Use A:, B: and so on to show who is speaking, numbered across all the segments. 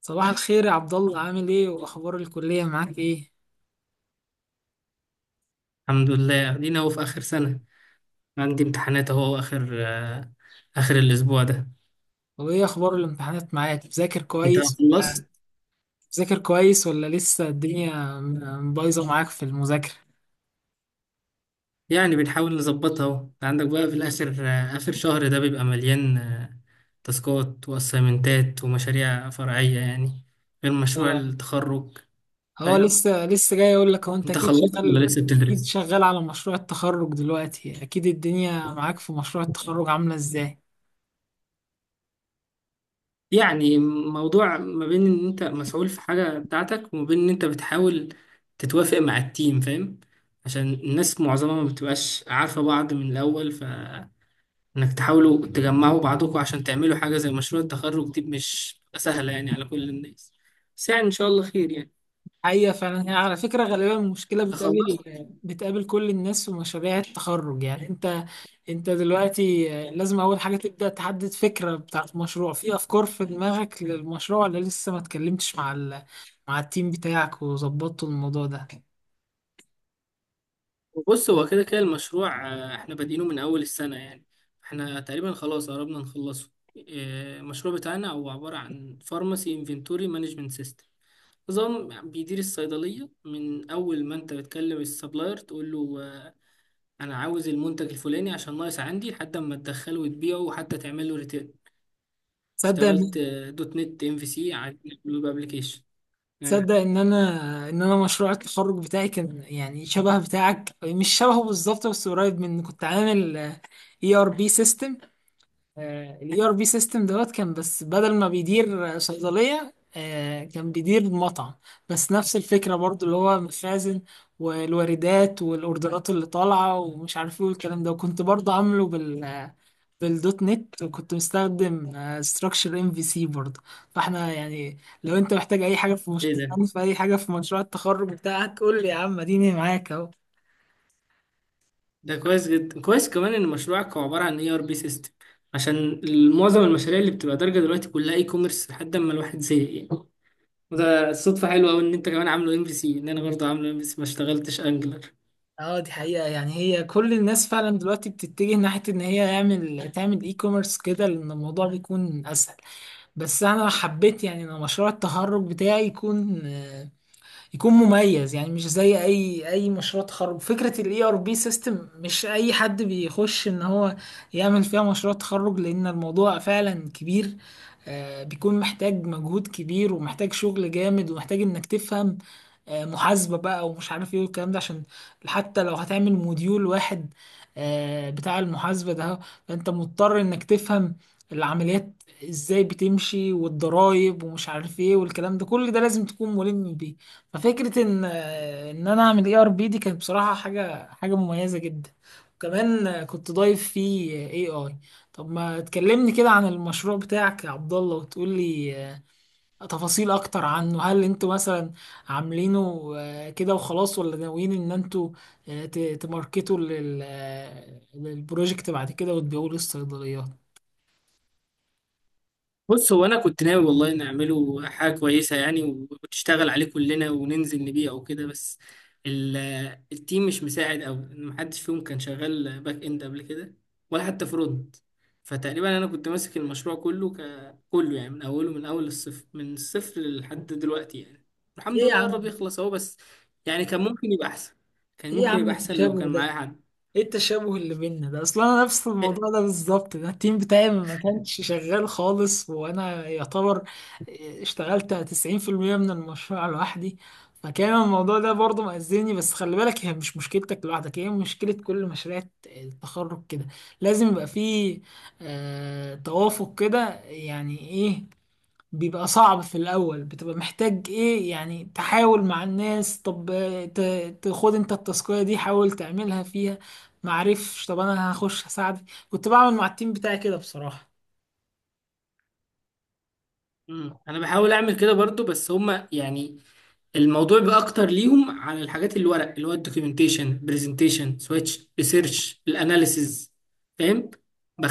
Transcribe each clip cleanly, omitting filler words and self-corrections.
A: صباح الخير يا عبد الله، عامل ايه؟ واخبار الكلية معاك ايه؟
B: الحمد لله، ادينا اهو في اخر سنة. عندي امتحانات اهو اخر الاسبوع ده.
A: وايه اخبار الامتحانات معاك؟
B: انت خلصت؟
A: بتذاكر كويس ولا لسه الدنيا بايظة معاك في المذاكرة؟
B: يعني بنحاول نظبطها اهو. انت عندك بقى في الاخر، اخر شهر ده بيبقى مليان تاسكات واسايمنتات ومشاريع فرعية، يعني غير مشروع
A: اه.
B: التخرج. فاهم؟
A: لسه جاي اقول لك، هو انت
B: انت خلصت ولا لسه
A: اكيد
B: بتدرس؟
A: شغال على مشروع التخرج دلوقتي. اكيد الدنيا معاك في مشروع التخرج عاملة ازاي؟
B: يعني موضوع ما بين ان انت مسؤول في حاجة بتاعتك، وما بين ان انت بتحاول تتوافق مع التيم. فاهم؟ عشان الناس معظمها ما بتبقاش عارفة بعض من الاول، فانك تحاولوا تجمعوا بعضكم عشان تعملوا حاجة زي مشروع التخرج دي مش بتبقى سهلة يعني على كل الناس. بس يعني ان شاء الله خير يعني.
A: حقيقة فعلا، هي على فكرة غالبا المشكلة
B: خلصت.
A: بتقابل كل الناس في مشاريع التخرج. يعني انت دلوقتي لازم اول حاجة تبدأ تحدد فكرة بتاعت مشروع. في افكار في دماغك للمشروع، ولا لسه ما اتكلمتش مع مع التيم بتاعك وظبطتوا الموضوع ده؟
B: وبص، هو كده كده المشروع، احنا بادئينه من اول السنة يعني. احنا تقريبا خلاص قربنا نخلصه. المشروع بتاعنا هو عبارة عن فارماسي انفنتوري مانجمنت سيستم. نظام بيدير الصيدلية من أول ما أنت بتكلم السبلاير تقول له أنا عاوز المنتج الفلاني عشان ناقص عندي، لحد ما تدخله وتبيعه وحتى تعمل له ريتيرن.
A: تصدق ان
B: اشتغلت دوت نت ام في سي على الويب ابلكيشن. أيوة.
A: تصدق ان انا مشروع التخرج بتاعي كان يعني شبه بتاعك، مش شبهه بالظبط بس قريب منه. كنت عامل اي ار بي سيستم. الاي ار بي سيستم دوت كان، بس بدل ما بيدير صيدليه كان بيدير مطعم. بس نفس الفكره برضو، اللي هو مخازن والواردات والاوردرات اللي طالعه ومش عارف ايه والكلام ده، وكنت برضو عامله بالدوت نت، وكنت مستخدم ستراكشر ام في سي برضه. فاحنا يعني لو انت محتاج اي حاجه في مش
B: إيه ده؟
A: في اي حاجه في مشروع التخرج بتاعك قول لي يا عم، اديني معاك اهو.
B: ده كويس جدا، كويس كمان إن مشروعك هو عبارة عن اي ار بي سيستم، عشان معظم المشاريع اللي بتبقى دارجة دلوقتي كلها اي كوميرس لحد ما الواحد زهق يعني. وده صدفة حلوة أوي إن أنت كمان عامله ام في سي، إن أنا برضه عامله ام في سي، ما اشتغلتش أنجلر.
A: اه، دي حقيقة. يعني هي كل الناس فعلا دلوقتي بتتجه ناحية ان هي تعمل اي كوميرس كده، لان الموضوع بيكون اسهل. بس انا حبيت يعني ان مشروع التخرج بتاعي يكون مميز، يعني مش زي اي مشروع تخرج. فكره الاي ار بي سيستم مش اي حد بيخش ان هو يعمل فيها مشروع تخرج، لان الموضوع فعلا كبير. بيكون محتاج مجهود كبير، ومحتاج شغل جامد، ومحتاج انك تفهم محاسبه بقى ومش عارف ايه والكلام ده. عشان حتى لو هتعمل موديول واحد بتاع المحاسبه ده، فانت مضطر انك تفهم العمليات ازاي بتمشي، والضرايب ومش عارف ايه والكلام ده. كل ده لازم تكون ملم بيه. ففكرة ان انا اعمل اي ار بي دي كانت بصراحة حاجة حاجة مميزة جدا. وكمان كنت ضايف فيه. اي اي طب ما تكلمني كده عن المشروع بتاعك يا عبد الله، وتقول لي تفاصيل اكتر عنه. هل انتوا مثلا عاملينه كده وخلاص، ولا ناويين ان انتوا تماركتوا للبروجكت بعد كده وتبيعوه للصيدليات؟
B: بص، هو انا كنت ناوي والله نعمله حاجه كويسه يعني، وتشتغل عليه كلنا وننزل نبيع وكده. بس ال- التيم مش مساعد، او محدش فيهم كان شغال باك اند قبل كده، ولا حتى فرونت. فتقريبا انا كنت ماسك المشروع كله كله يعني، من اوله، من الصفر لحد دلوقتي يعني.
A: ايه
B: الحمد
A: يا
B: لله قرب
A: عم
B: يخلص اهو. بس يعني كان ممكن يبقى احسن. كان
A: ايه يا
B: ممكن
A: عم،
B: يبقى احسن لو
A: التشابه
B: كان معايا
A: ده!
B: حد.
A: ايه التشابه اللي بيننا ده؟ اصلا انا نفس
B: إيه،
A: الموضوع ده بالظبط. ده التيم بتاعي ما كانش شغال خالص، وانا يعتبر اشتغلت 90% من المشروع لوحدي. فكان الموضوع ده برضه مأذيني. بس خلي بالك، هي مش مشكلتك لوحدك، هي مشكلة كل مشاريع التخرج كده. لازم يبقى فيه توافق كده. يعني ايه؟ بيبقى صعب في الأول، بتبقى محتاج إيه؟ يعني تحاول مع الناس. طب تاخد أنت التاسكية دي، حاول تعملها فيها، معرفش، طب أنا هخش هساعدك. كنت بعمل مع التيم بتاعي كده بصراحة.
B: انا بحاول اعمل كده برضو، بس هما يعني الموضوع بقى اكتر ليهم على الحاجات الورق اللي هو الدوكيومنتيشن، برزنتيشن، سويتش، ريسيرش، الاناليسز. فاهم؟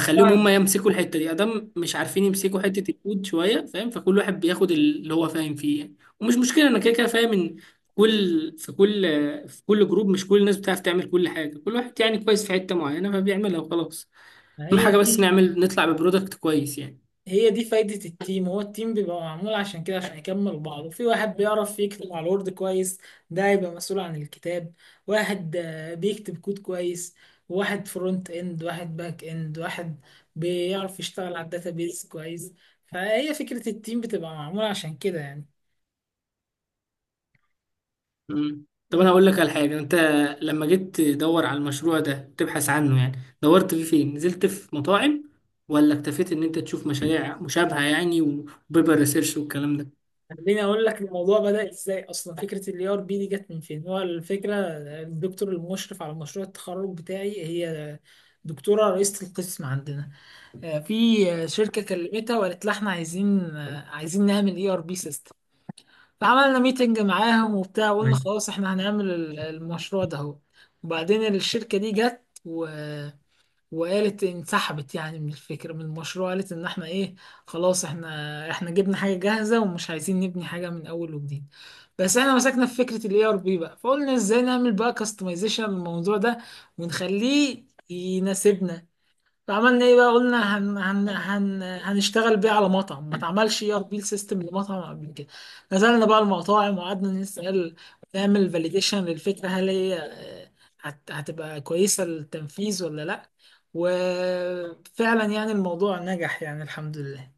A: أنا
B: هم
A: فاهمك.
B: يمسكوا الحته دي ادام مش عارفين يمسكوا حته الكود شويه. فاهم؟ فكل واحد بياخد اللي هو فاهم فيه يعني، ومش مشكله، انا كده كده فاهم ان كل في كل في كل جروب مش كل الناس بتعرف تعمل كل حاجه. كل واحد يعني كويس في حته معينه فبيعملها وخلاص.
A: ما
B: اهم
A: هي
B: حاجه بس
A: دي
B: نعمل نطلع ببرودكت كويس يعني.
A: فايدة التيم. هو التيم بيبقى معمول عشان كده، عشان يكمل بعض. وفي واحد بيعرف يكتب على الوورد كويس، ده هيبقى مسؤول عن الكتاب. واحد بيكتب كود كويس، واحد فرونت اند، واحد باك اند، واحد بيعرف يشتغل على الداتابيز كويس. فهي فكرة التيم بتبقى معمولة عشان كده يعني.
B: طب انا
A: انت-
B: هقول لك على حاجه. انت لما جيت تدور على المشروع ده تبحث عنه يعني، دورت فيه فين؟ نزلت في مطاعم ولا اكتفيت ان انت تشوف مشاريع مشابهه يعني وبيبر ريسيرش والكلام ده؟
A: خليني اقول لك الموضوع بدأ ازاي اصلا. فكرة الاي ار بي دي جت من فين؟ هو الفكرة الدكتور المشرف على مشروع التخرج بتاعي، هي دكتورة رئيسة القسم عندنا، في شركة كلمتها وقالت لها احنا عايزين نعمل اي ار بي سيستم. فعملنا ميتنج معاهم وبتاع، وقلنا
B: أيوة.
A: خلاص احنا هنعمل المشروع ده اهو. وبعدين الشركة دي جت وقالت انسحبت يعني من الفكرة، من المشروع. قالت ان احنا ايه، خلاص احنا جبنا حاجة جاهزة ومش عايزين نبني حاجة من اول وجديد. بس احنا مسكنا في فكرة الاي ار بي بقى، فقلنا ازاي نعمل بقى كاستمايزيشن للموضوع ده ونخليه يناسبنا. فعملنا ايه بقى؟ قلنا هن هن هن هنشتغل بيه على مطعم. ما اتعملش اي ار بي سيستم لمطعم قبل كده. نزلنا بقى المطاعم وقعدنا نسأل، نعمل فاليديشن للفكرة، هل هي آه، هت هتبقى كويسة للتنفيذ ولا لا. وفعلا يعني الموضوع نجح يعني، الحمد لله.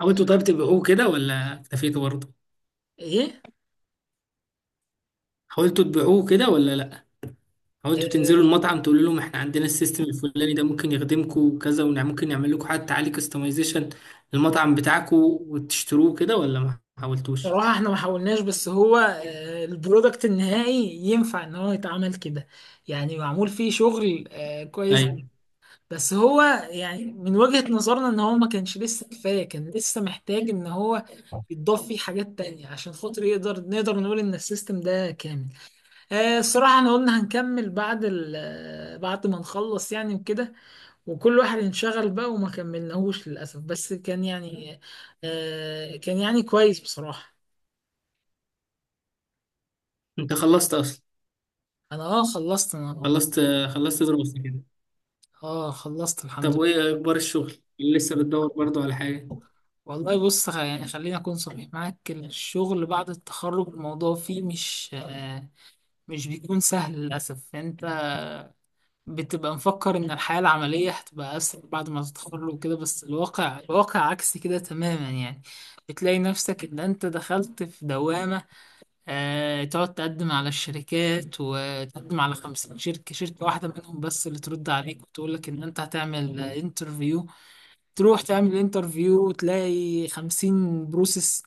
B: حاولتوا طيب تبيعوه كده ولا اكتفيتوا برضه؟
A: ايه.
B: حاولتوا تبيعوه كده ولا لا؟ حاولتوا تنزلوا
A: آه،
B: المطعم تقولوا لهم احنا عندنا السيستم الفلاني ده ممكن يخدمكم وكذا، وممكن نعمل لكم حتى عليه كستمايزيشن للمطعم بتاعكم، وتشتروه كده ولا ما حاولتوش؟
A: بصراحة احنا ما حاولناش، بس هو البرودكت النهائي ينفع ان هو يتعمل كده. يعني معمول فيه شغل كويس.
B: ايوه.
A: بس هو يعني، من وجهة نظرنا ان هو ما كانش لسه كفاية، كان لسه محتاج ان هو يتضاف فيه حاجات تانية عشان خاطر نقدر نقول ان السيستم ده كامل. الصراحة احنا قلنا هنكمل بعد ال آه، بعد ما نخلص يعني، وكده، وكل واحد انشغل بقى وما كملناهوش للأسف. بس كان يعني كويس بصراحة.
B: انت خلصت اصلا؟
A: انا اه خلصت. انا
B: خلصت. خلصت دراسة كده؟
A: اه خلصت الحمد
B: طب
A: لله.
B: وايه اخبار الشغل؟ لسه بتدور برضو على حاجه؟
A: والله بص، يعني خليني اكون صريح معاك. الشغل بعد التخرج الموضوع فيه مش بيكون سهل للأسف. أنت بتبقى مفكر إن الحياة العملية هتبقى أسهل بعد ما تتخرج وكده، بس الواقع عكس كده تماما يعني. بتلاقي نفسك إن أنت دخلت في دوامة. تقعد تقدم على الشركات، وتقدم على 50 شركة، شركة واحدة منهم بس اللي ترد عليك وتقول لك إن أنت هتعمل انترفيو. تروح تعمل انترفيو وتلاقي 50 بروسيس.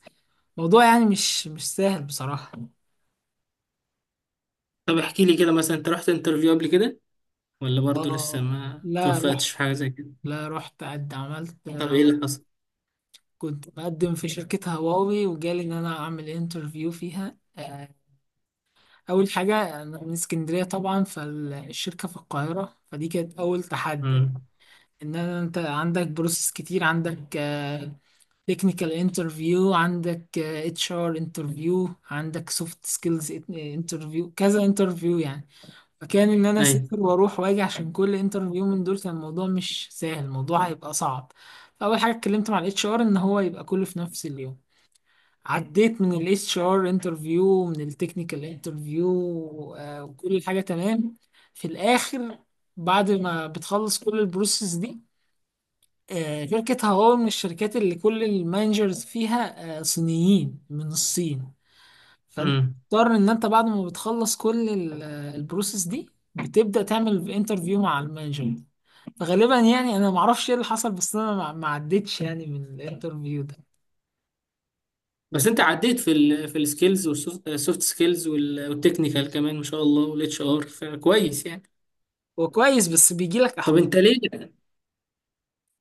A: موضوع يعني مش سهل بصراحة.
B: طب احكي لي كده مثلا، انت رحت انترفيو قبل كده ولا برضو لسه
A: اه.
B: ما
A: لا روح
B: توفقتش في حاجه زي كده؟
A: لا رحت، قد عملت.
B: طب ايه اللي حصل؟
A: كنت بقدم في شركة هواوي، وجالي إن أنا أعمل انترفيو فيها. أول حاجة، أنا من اسكندرية طبعا، فالشركة في القاهرة، فدي كانت أول تحدي.
B: امم.
A: إن أنا أنت عندك بروسيس كتير، عندك تكنيكال انترفيو، عندك اتش ار انترفيو، عندك سوفت سكيلز انترفيو، كذا انترفيو يعني. فكان ان انا
B: ايوه.
A: اسافر واروح واجي، عشان كل انترفيو من دول كان الموضوع مش سهل، الموضوع هيبقى صعب. فاول حاجه اتكلمت مع الاتش ار ان هو يبقى كله في نفس اليوم. عديت من الاتش ار انترفيو، من التكنيكال انترفيو، وكل حاجه تمام. في الاخر، بعد ما بتخلص كل البروسيس دي، شركة هواوي من الشركات اللي كل المانجرز فيها صينيين من الصين. فانت
B: امم.
A: بتضطر ان انت بعد ما بتخلص كل البروسيس دي، بتبدا تعمل انترفيو مع المانجر. فغالبا يعني انا ما اعرفش ايه اللي حصل، بس انا ما عدتش يعني من الانترفيو ده.
B: بس انت عديت في ال في السكيلز والسوفت سكيلز والتكنيكال كمان ما شاء الله والاتش ار. فكويس يعني.
A: هو كويس بس بيجي لك
B: طب
A: احباط.
B: انت ليه؟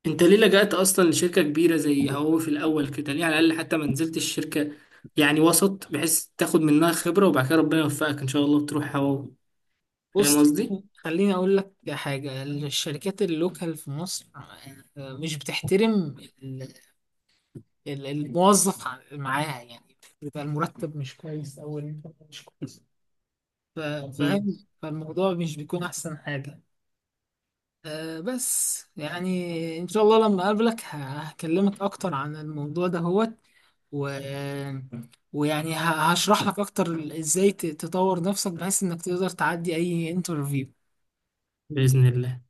B: انت ليه لجأت اصلا لشركه كبيره زي هواوي في الاول كده؟ ليه على الاقل حتى ما نزلتش شركه يعني وسط بحيث تاخد منها خبره، وبعد كده ربنا يوفقك ان شاء الله وتروح هواوي؟
A: بص
B: فاهم قصدي.
A: خليني اقول لك حاجه، الشركات اللوكال في مصر مش بتحترم ال- الموظف معاها يعني. بيبقى المرتب مش كويس او الانترفيو مش كويس. ف- فاهم؟ فالموضوع مش بيكون احسن حاجه. بس يعني ان شاء الله لما اقابلك هكلمك اكتر عن الموضوع ده هوت و... ويعني هشرح لك اكتر ازاي تطور نفسك، بحيث انك تقدر تعدي اي انترفيو.
B: بإذن الله.